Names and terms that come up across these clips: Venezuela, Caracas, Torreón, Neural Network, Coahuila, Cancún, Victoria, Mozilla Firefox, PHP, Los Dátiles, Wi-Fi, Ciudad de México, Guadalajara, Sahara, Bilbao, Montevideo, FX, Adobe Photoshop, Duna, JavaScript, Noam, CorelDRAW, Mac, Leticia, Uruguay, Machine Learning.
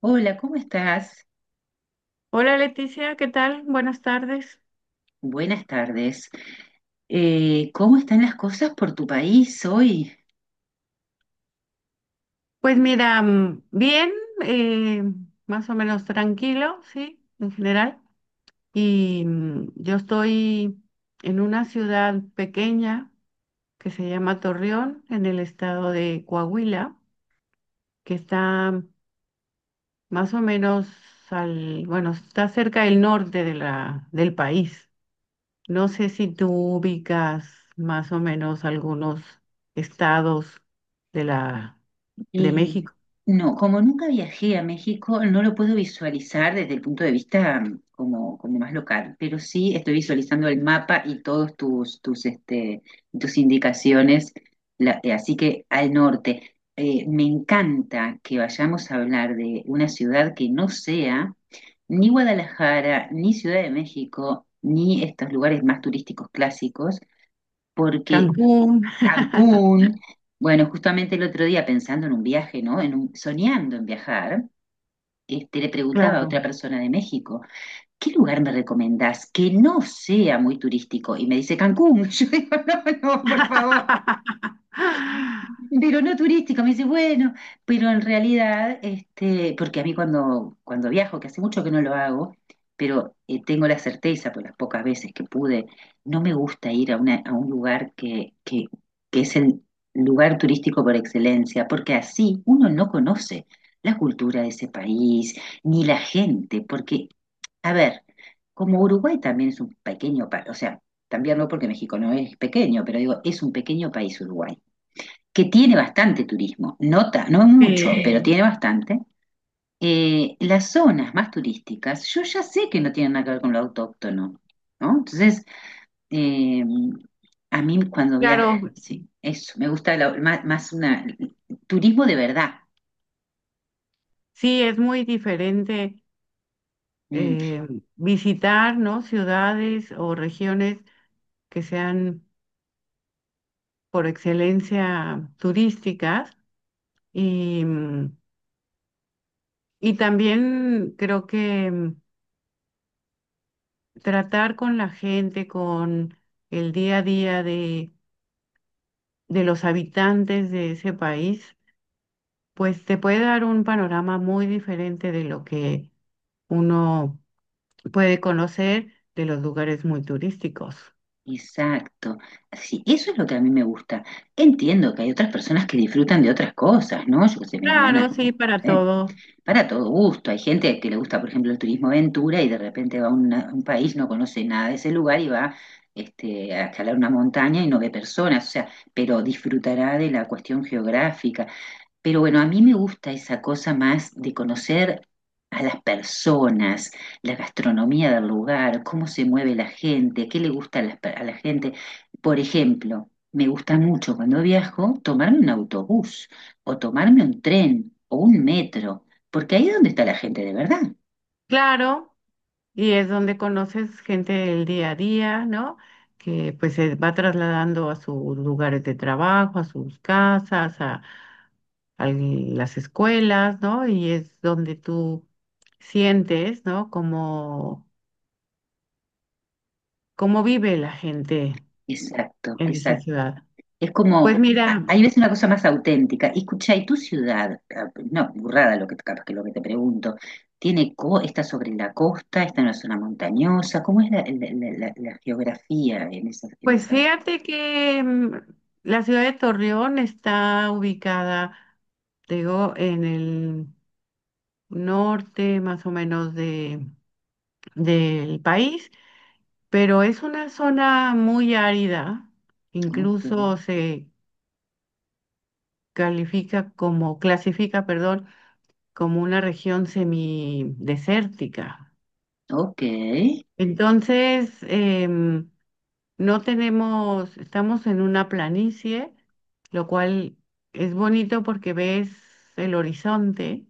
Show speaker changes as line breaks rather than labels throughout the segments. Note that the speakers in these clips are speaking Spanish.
Hola, ¿cómo estás?
Hola Leticia, ¿qué tal? Buenas tardes.
Buenas tardes. ¿Cómo están las cosas por tu país hoy?
Pues mira, bien, eh, más o menos tranquilo, sí, en general. Y yo estoy en una ciudad pequeña que se llama Torreón, en el estado de Coahuila, que está más o menos al, bueno, está cerca del norte del país. No sé si tú ubicas más o menos algunos estados de la de
Y
México.
no, como nunca viajé a México, no lo puedo visualizar desde el punto de vista como más local, pero sí estoy visualizando el mapa y todos tus indicaciones, así que al norte. Me encanta que vayamos a hablar de una ciudad que no sea ni Guadalajara, ni Ciudad de México, ni estos lugares más turísticos clásicos, porque
Cancún,
Cancún. Bueno, justamente el otro día pensando en un viaje, ¿no? Soñando en viajar, le preguntaba a
claro.
otra persona de México: ¿qué lugar me recomendás que no sea muy turístico? Y me dice Cancún. Yo digo: no, no, por favor, pero no turística. Me dice, bueno, pero en realidad, porque a mí cuando viajo, que hace mucho que no lo hago, pero tengo la certeza por las pocas veces que pude. No me gusta ir a un lugar que es el lugar turístico por excelencia, porque así uno no conoce la cultura de ese país, ni la gente, porque, a ver, como Uruguay también es un pequeño país. O sea, también no porque México no es pequeño, pero digo, es un pequeño país Uruguay, que tiene bastante turismo. No, no mucho,
Eh,
pero tiene bastante. Las zonas más turísticas, yo ya sé que no tienen nada que ver con lo autóctono, ¿no? Entonces, eh, a mí cuando viajo,
claro,
sí, eso, me gusta más turismo de verdad.
sí, es muy diferente
Mm,
eh, visitar, ¿no? Ciudades o regiones que sean por excelencia turísticas y, y también creo que tratar con la gente, con el día a día de los habitantes de ese país pues te puede dar un panorama muy diferente de lo que uno puede conocer de los lugares muy turísticos.
exacto. Sí, eso es lo que a mí me gusta. Entiendo que hay otras personas que disfrutan de otras cosas, ¿no? Yo qué sé, mi hermana,
Claro,
no
sí, para
sé,
todo.
para todo gusto. Hay gente que le gusta, por ejemplo, el turismo aventura, y de repente va a un país, no conoce nada de ese lugar y va, a escalar una montaña y no ve personas, o sea, pero disfrutará de la cuestión geográfica. Pero bueno, a mí me gusta esa cosa más de conocer a las personas, la gastronomía del lugar, cómo se mueve la gente, qué le gusta a la gente. Por ejemplo, me gusta mucho cuando viajo tomarme un autobús, o tomarme un tren o un metro, porque ahí es donde está la gente de verdad.
Claro, y es donde conoces gente del día a día, ¿no? Que pues se va trasladando a sus lugares de trabajo, a sus casas, a las escuelas, ¿no? Y es donde tú sientes, ¿no? Cómo, cómo vive la gente
Exacto,
en esa
exacto.
ciudad.
Es como,
Pues mira.
ahí ves una cosa más auténtica. Y escucha, ¿y tu ciudad? Ah, no, burrada lo que, capaz que lo que te pregunto. ¿Tiene está sobre la costa? ¿Está en una zona montañosa? ¿Cómo es la geografía en esa, en
Pues
esa?
fíjate que la ciudad de Torreón está ubicada, te digo, en el norte más o menos del país, pero es una zona muy árida,
Ok,
incluso se califica como, clasifica, perdón, como una región semidesértica.
ok,
Entonces, no tenemos, estamos en una planicie, lo cual es bonito porque ves el horizonte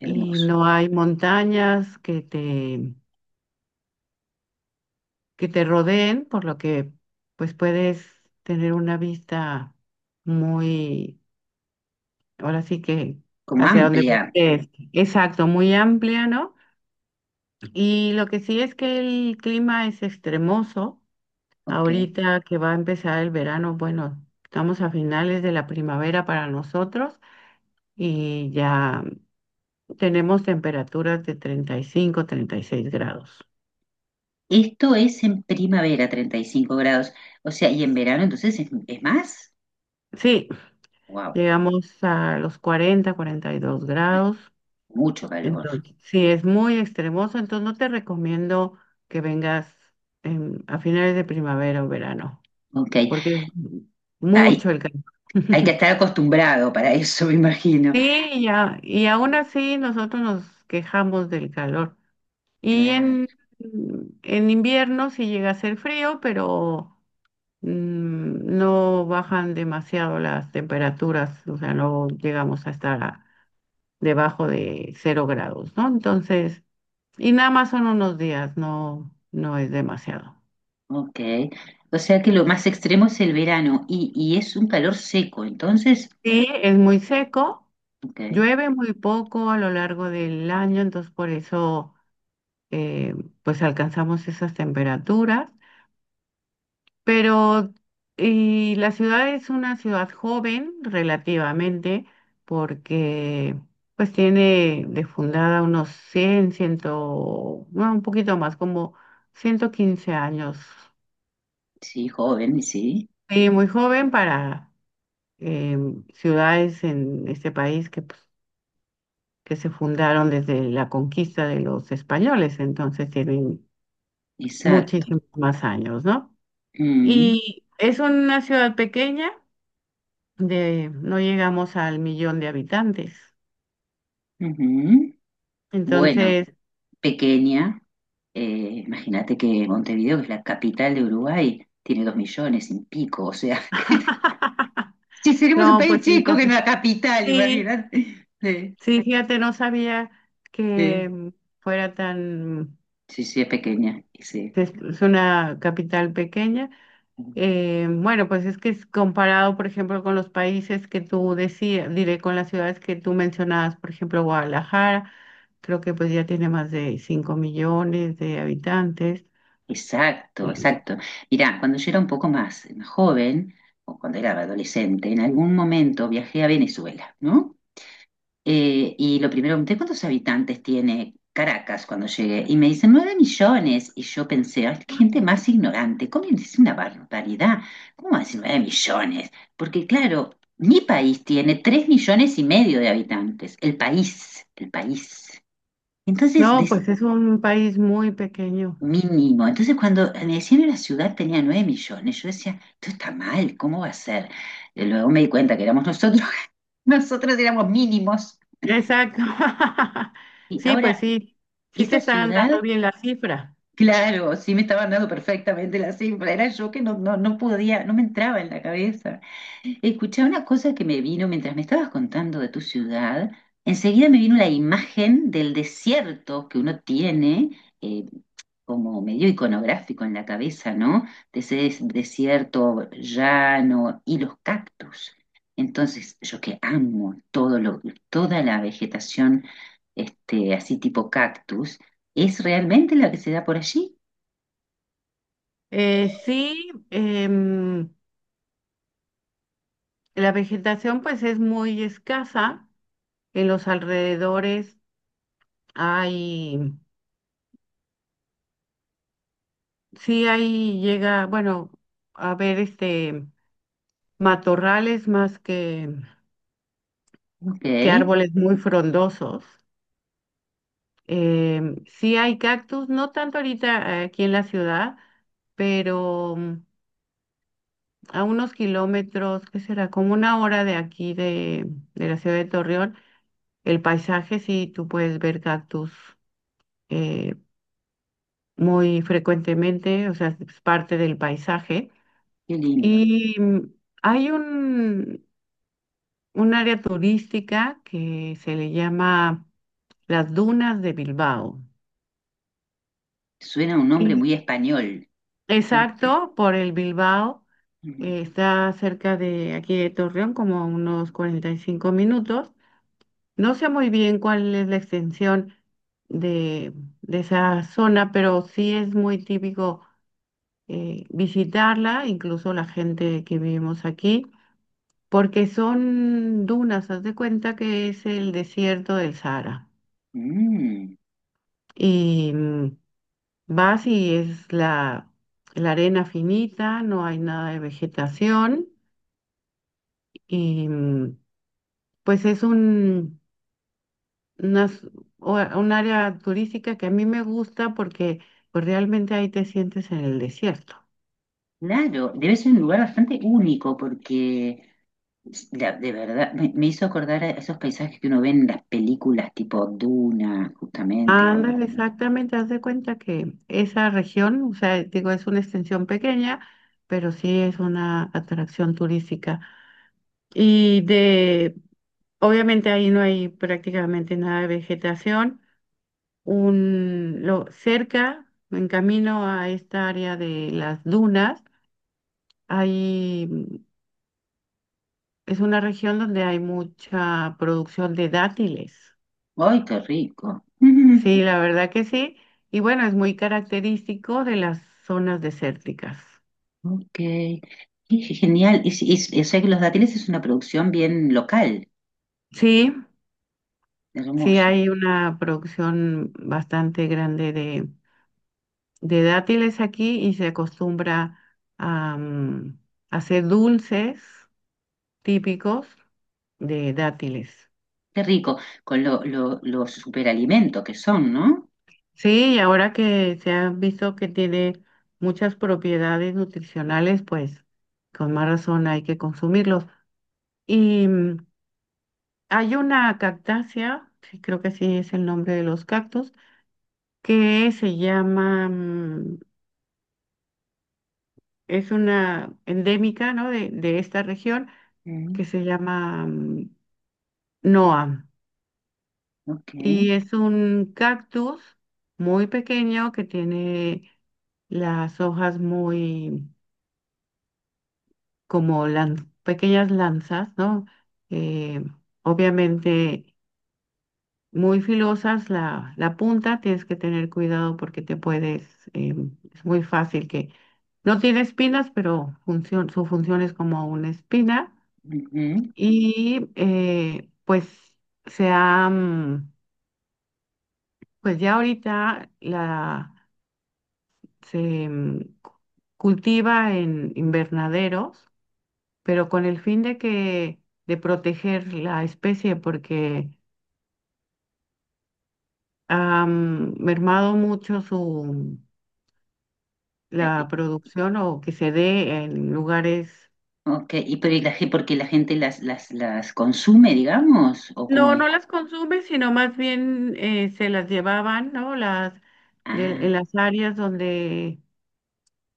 y
hermoso.
no hay montañas que te rodeen, por lo que pues puedes tener una vista muy, ahora sí que
Como
hacia donde
amplia.
voltees. Exacto, muy amplia, ¿no? Y lo que sí es que el clima es extremoso.
Ok.
Ahorita que va a empezar el verano, bueno, estamos a finales de la primavera para nosotros y ya tenemos temperaturas de 30 35, 36 grados.
Esto es en primavera, 35 grados. O sea, y en verano entonces es más.
Sí,
Wow,
llegamos a los 40, 42 grados.
mucho calor.
Entonces, sí, es muy extremoso, entonces no te recomiendo que vengas en- a finales de primavera o verano,
Ok.
porque es
Hay,
mucho el calor.
hay que estar acostumbrado para eso, me imagino.
Sí, ya, y aún
Eh,
así nosotros nos quejamos del calor. Y
Claro,
en invierno sí llega a ser frío, pero no bajan demasiado las temperaturas, o sea, no llegamos a estar a- debajo de 0 grados, ¿no? Entonces, y nada más son unos días, no, no es demasiado.
ok. O sea que lo más extremo es el verano, y es un calor seco, entonces,
Sí, es muy seco,
ok,
llueve muy poco a lo largo del año, entonces por eso eh, pues alcanzamos esas temperaturas. Pero y la ciudad es una ciudad joven relativamente porque pues tiene de fundada unos 100 100, no, un poquito más, como 115 años.
sí, joven, sí,
Sí, muy joven para ciudades en este país que, pues, que se fundaron desde la conquista de los españoles, entonces tienen
exacto.
muchísimos más años, ¿no?
Mm,
Y es una ciudad pequeña de, no llegamos al millón de habitantes.
ujú. Bueno,
Entonces,
pequeña, imagínate que Montevideo, que es la capital de Uruguay, tiene 2 millones y pico. O sea, que, si seremos un
no,
país
pues
chico que no
entonces,
la capital,
sí,
imagínate. Sí,
sí, fíjate, no sabía
sí,
que fuera tan,
sí, sí, es pequeña, sí.
que es una capital pequeña. Bueno, pues es que es comparado, por ejemplo, con los países que tú decías, diré con las ciudades que tú mencionabas, por ejemplo, Guadalajara, creo que pues ya tiene más de 5 millones de habitantes.
Exacto,
Sí.
exacto. Mirá, cuando yo era un poco más joven, o cuando era adolescente, en algún momento viajé a Venezuela, ¿no? Y lo primero, pregunté cuántos habitantes tiene Caracas cuando llegué. Y me dicen 9 millones. Y yo pensé: "Ay, qué gente más ignorante, ¿cómo es una barbaridad? ¿Cómo va a decir 9 millones?" Porque claro, mi país tiene 3,5 millones de habitantes. El país, el país. Entonces,
No, pues es un país muy pequeño.
mínimo. Entonces, cuando me decían en la ciudad tenía 9 millones, yo decía: esto está mal, ¿cómo va a ser? Y luego me di cuenta que éramos nosotros, nosotros éramos mínimos.
Exacto.
Y
Sí, pues
ahora,
sí, sí te
esta
están dando
ciudad,
bien la cifra.
claro, sí me estaban dando perfectamente la cifra. Era yo que no, no, no podía, no me entraba en la cabeza. Escuché una cosa que me vino mientras me estabas contando de tu ciudad: enseguida me vino la imagen del desierto que uno tiene, eh, como medio iconográfico en la cabeza, ¿no? De ese desierto llano y los cactus. Entonces, yo que amo toda la vegetación, así tipo cactus, es realmente la que se da por allí.
Sí, la vegetación pues es muy escasa. En los alrededores hay, sí hay, llega, bueno, a ver, este, matorrales más
Ok,
que
qué
árboles muy frondosos. Sí hay cactus, no tanto ahorita aquí en la ciudad, pero... a unos kilómetros, ¿qué será? Como una hora de aquí de la ciudad de Torreón. El paisaje, sí, tú puedes ver cactus eh, muy frecuentemente, o sea, es parte del paisaje.
lindo.
Y hay un área turística que se le llama las dunas de Bilbao.
Suena un nombre
Y
muy español. ¿Eh?
exacto, por el Bilbao,
Mm,
está cerca de aquí de Torreón, como a unos 45 minutos. No sé muy bien cuál es la extensión de, de esa zona, pero sí es muy típico visitarla, incluso la gente que vivimos aquí, porque son dunas, haz de cuenta que es el desierto del Sahara.
mm,
Y vas y es la arena finita, no hay nada de vegetación, y pues es un unas- o- un área turística que a mí me gusta porque pues realmente ahí te sientes en el desierto.
claro, debe ser un lugar bastante único porque, de verdad, me hizo acordar a esos paisajes que uno ve en las películas tipo Duna, justamente. bueno,
Ándale,
eh.
exactamente, haz de cuenta que esa región, o sea, digo, es una extensión pequeña, pero sí es una atracción turística. Y de, obviamente ahí no hay prácticamente nada de vegetación. Un, lo, cerca, en camino a esta área de las dunas, hay es una región donde hay mucha producción de dátiles.
¡Ay, qué rico!
Sí, la verdad que sí. Y bueno, es muy característico de las zonas desérticas.
Mm, ok, qué genial. O sea que los dátiles es una producción bien local,
Sí, sí
hermoso.
hay una producción bastante grande de dátiles aquí y se acostumbra a hacer dulces típicos de dátiles.
Qué rico, con los superalimento que son, ¿no?
Sí, y ahora que se ha visto que tiene muchas propiedades nutricionales, pues con más razón hay que consumirlos. Y hay una cactácea, sí, creo que sí es el nombre de los cactus, que se llama, es una endémica, ¿no? De esta región
Mm,
que se llama Noam.
ok.
Y es un cactus muy pequeño que tiene las hojas muy como lan- pequeñas lanzas, ¿no? Eh, Obviamente muy filosas, la punta tienes que tener cuidado porque te puedes, es muy fácil que no tiene espinas, pero función, su función es como una espina
Ujú.
y pues se ha, pues ya ahorita la, se cu- cultiva en invernaderos pero con el fin de que de proteger la especie porque han mermado mucho su
Eh, eh,
la producción o que se dé en lugares
Ok, pero ¿ porque la gente las consume, digamos? ¿O cómo
no
es?
no las consume sino más bien se las llevaban no las de- en
Ah,
las áreas donde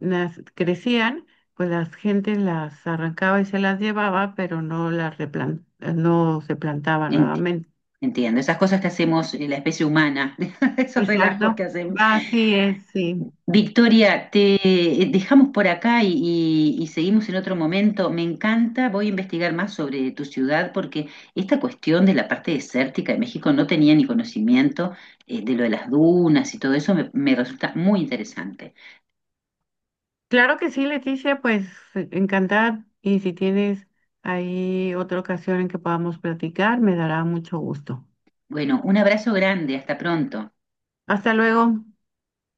nas- crecían pues la gente las arrancaba y se las llevaba pero no las replan- no se plantaba nuevamente
entiendo. Esas cosas que hacemos, la especie humana, esos relajos
exacto
que hacemos.
así es sí.
Victoria, te dejamos por acá y seguimos en otro momento. Me encanta, voy a investigar más sobre tu ciudad, porque esta cuestión de la parte desértica de México no tenía ni conocimiento, de lo de las dunas, y todo eso me resulta muy interesante.
Claro que sí, Leticia, pues encantada. Y si tienes ahí otra ocasión en que podamos platicar, me dará mucho gusto.
Bueno, un abrazo grande, hasta pronto.
Hasta luego.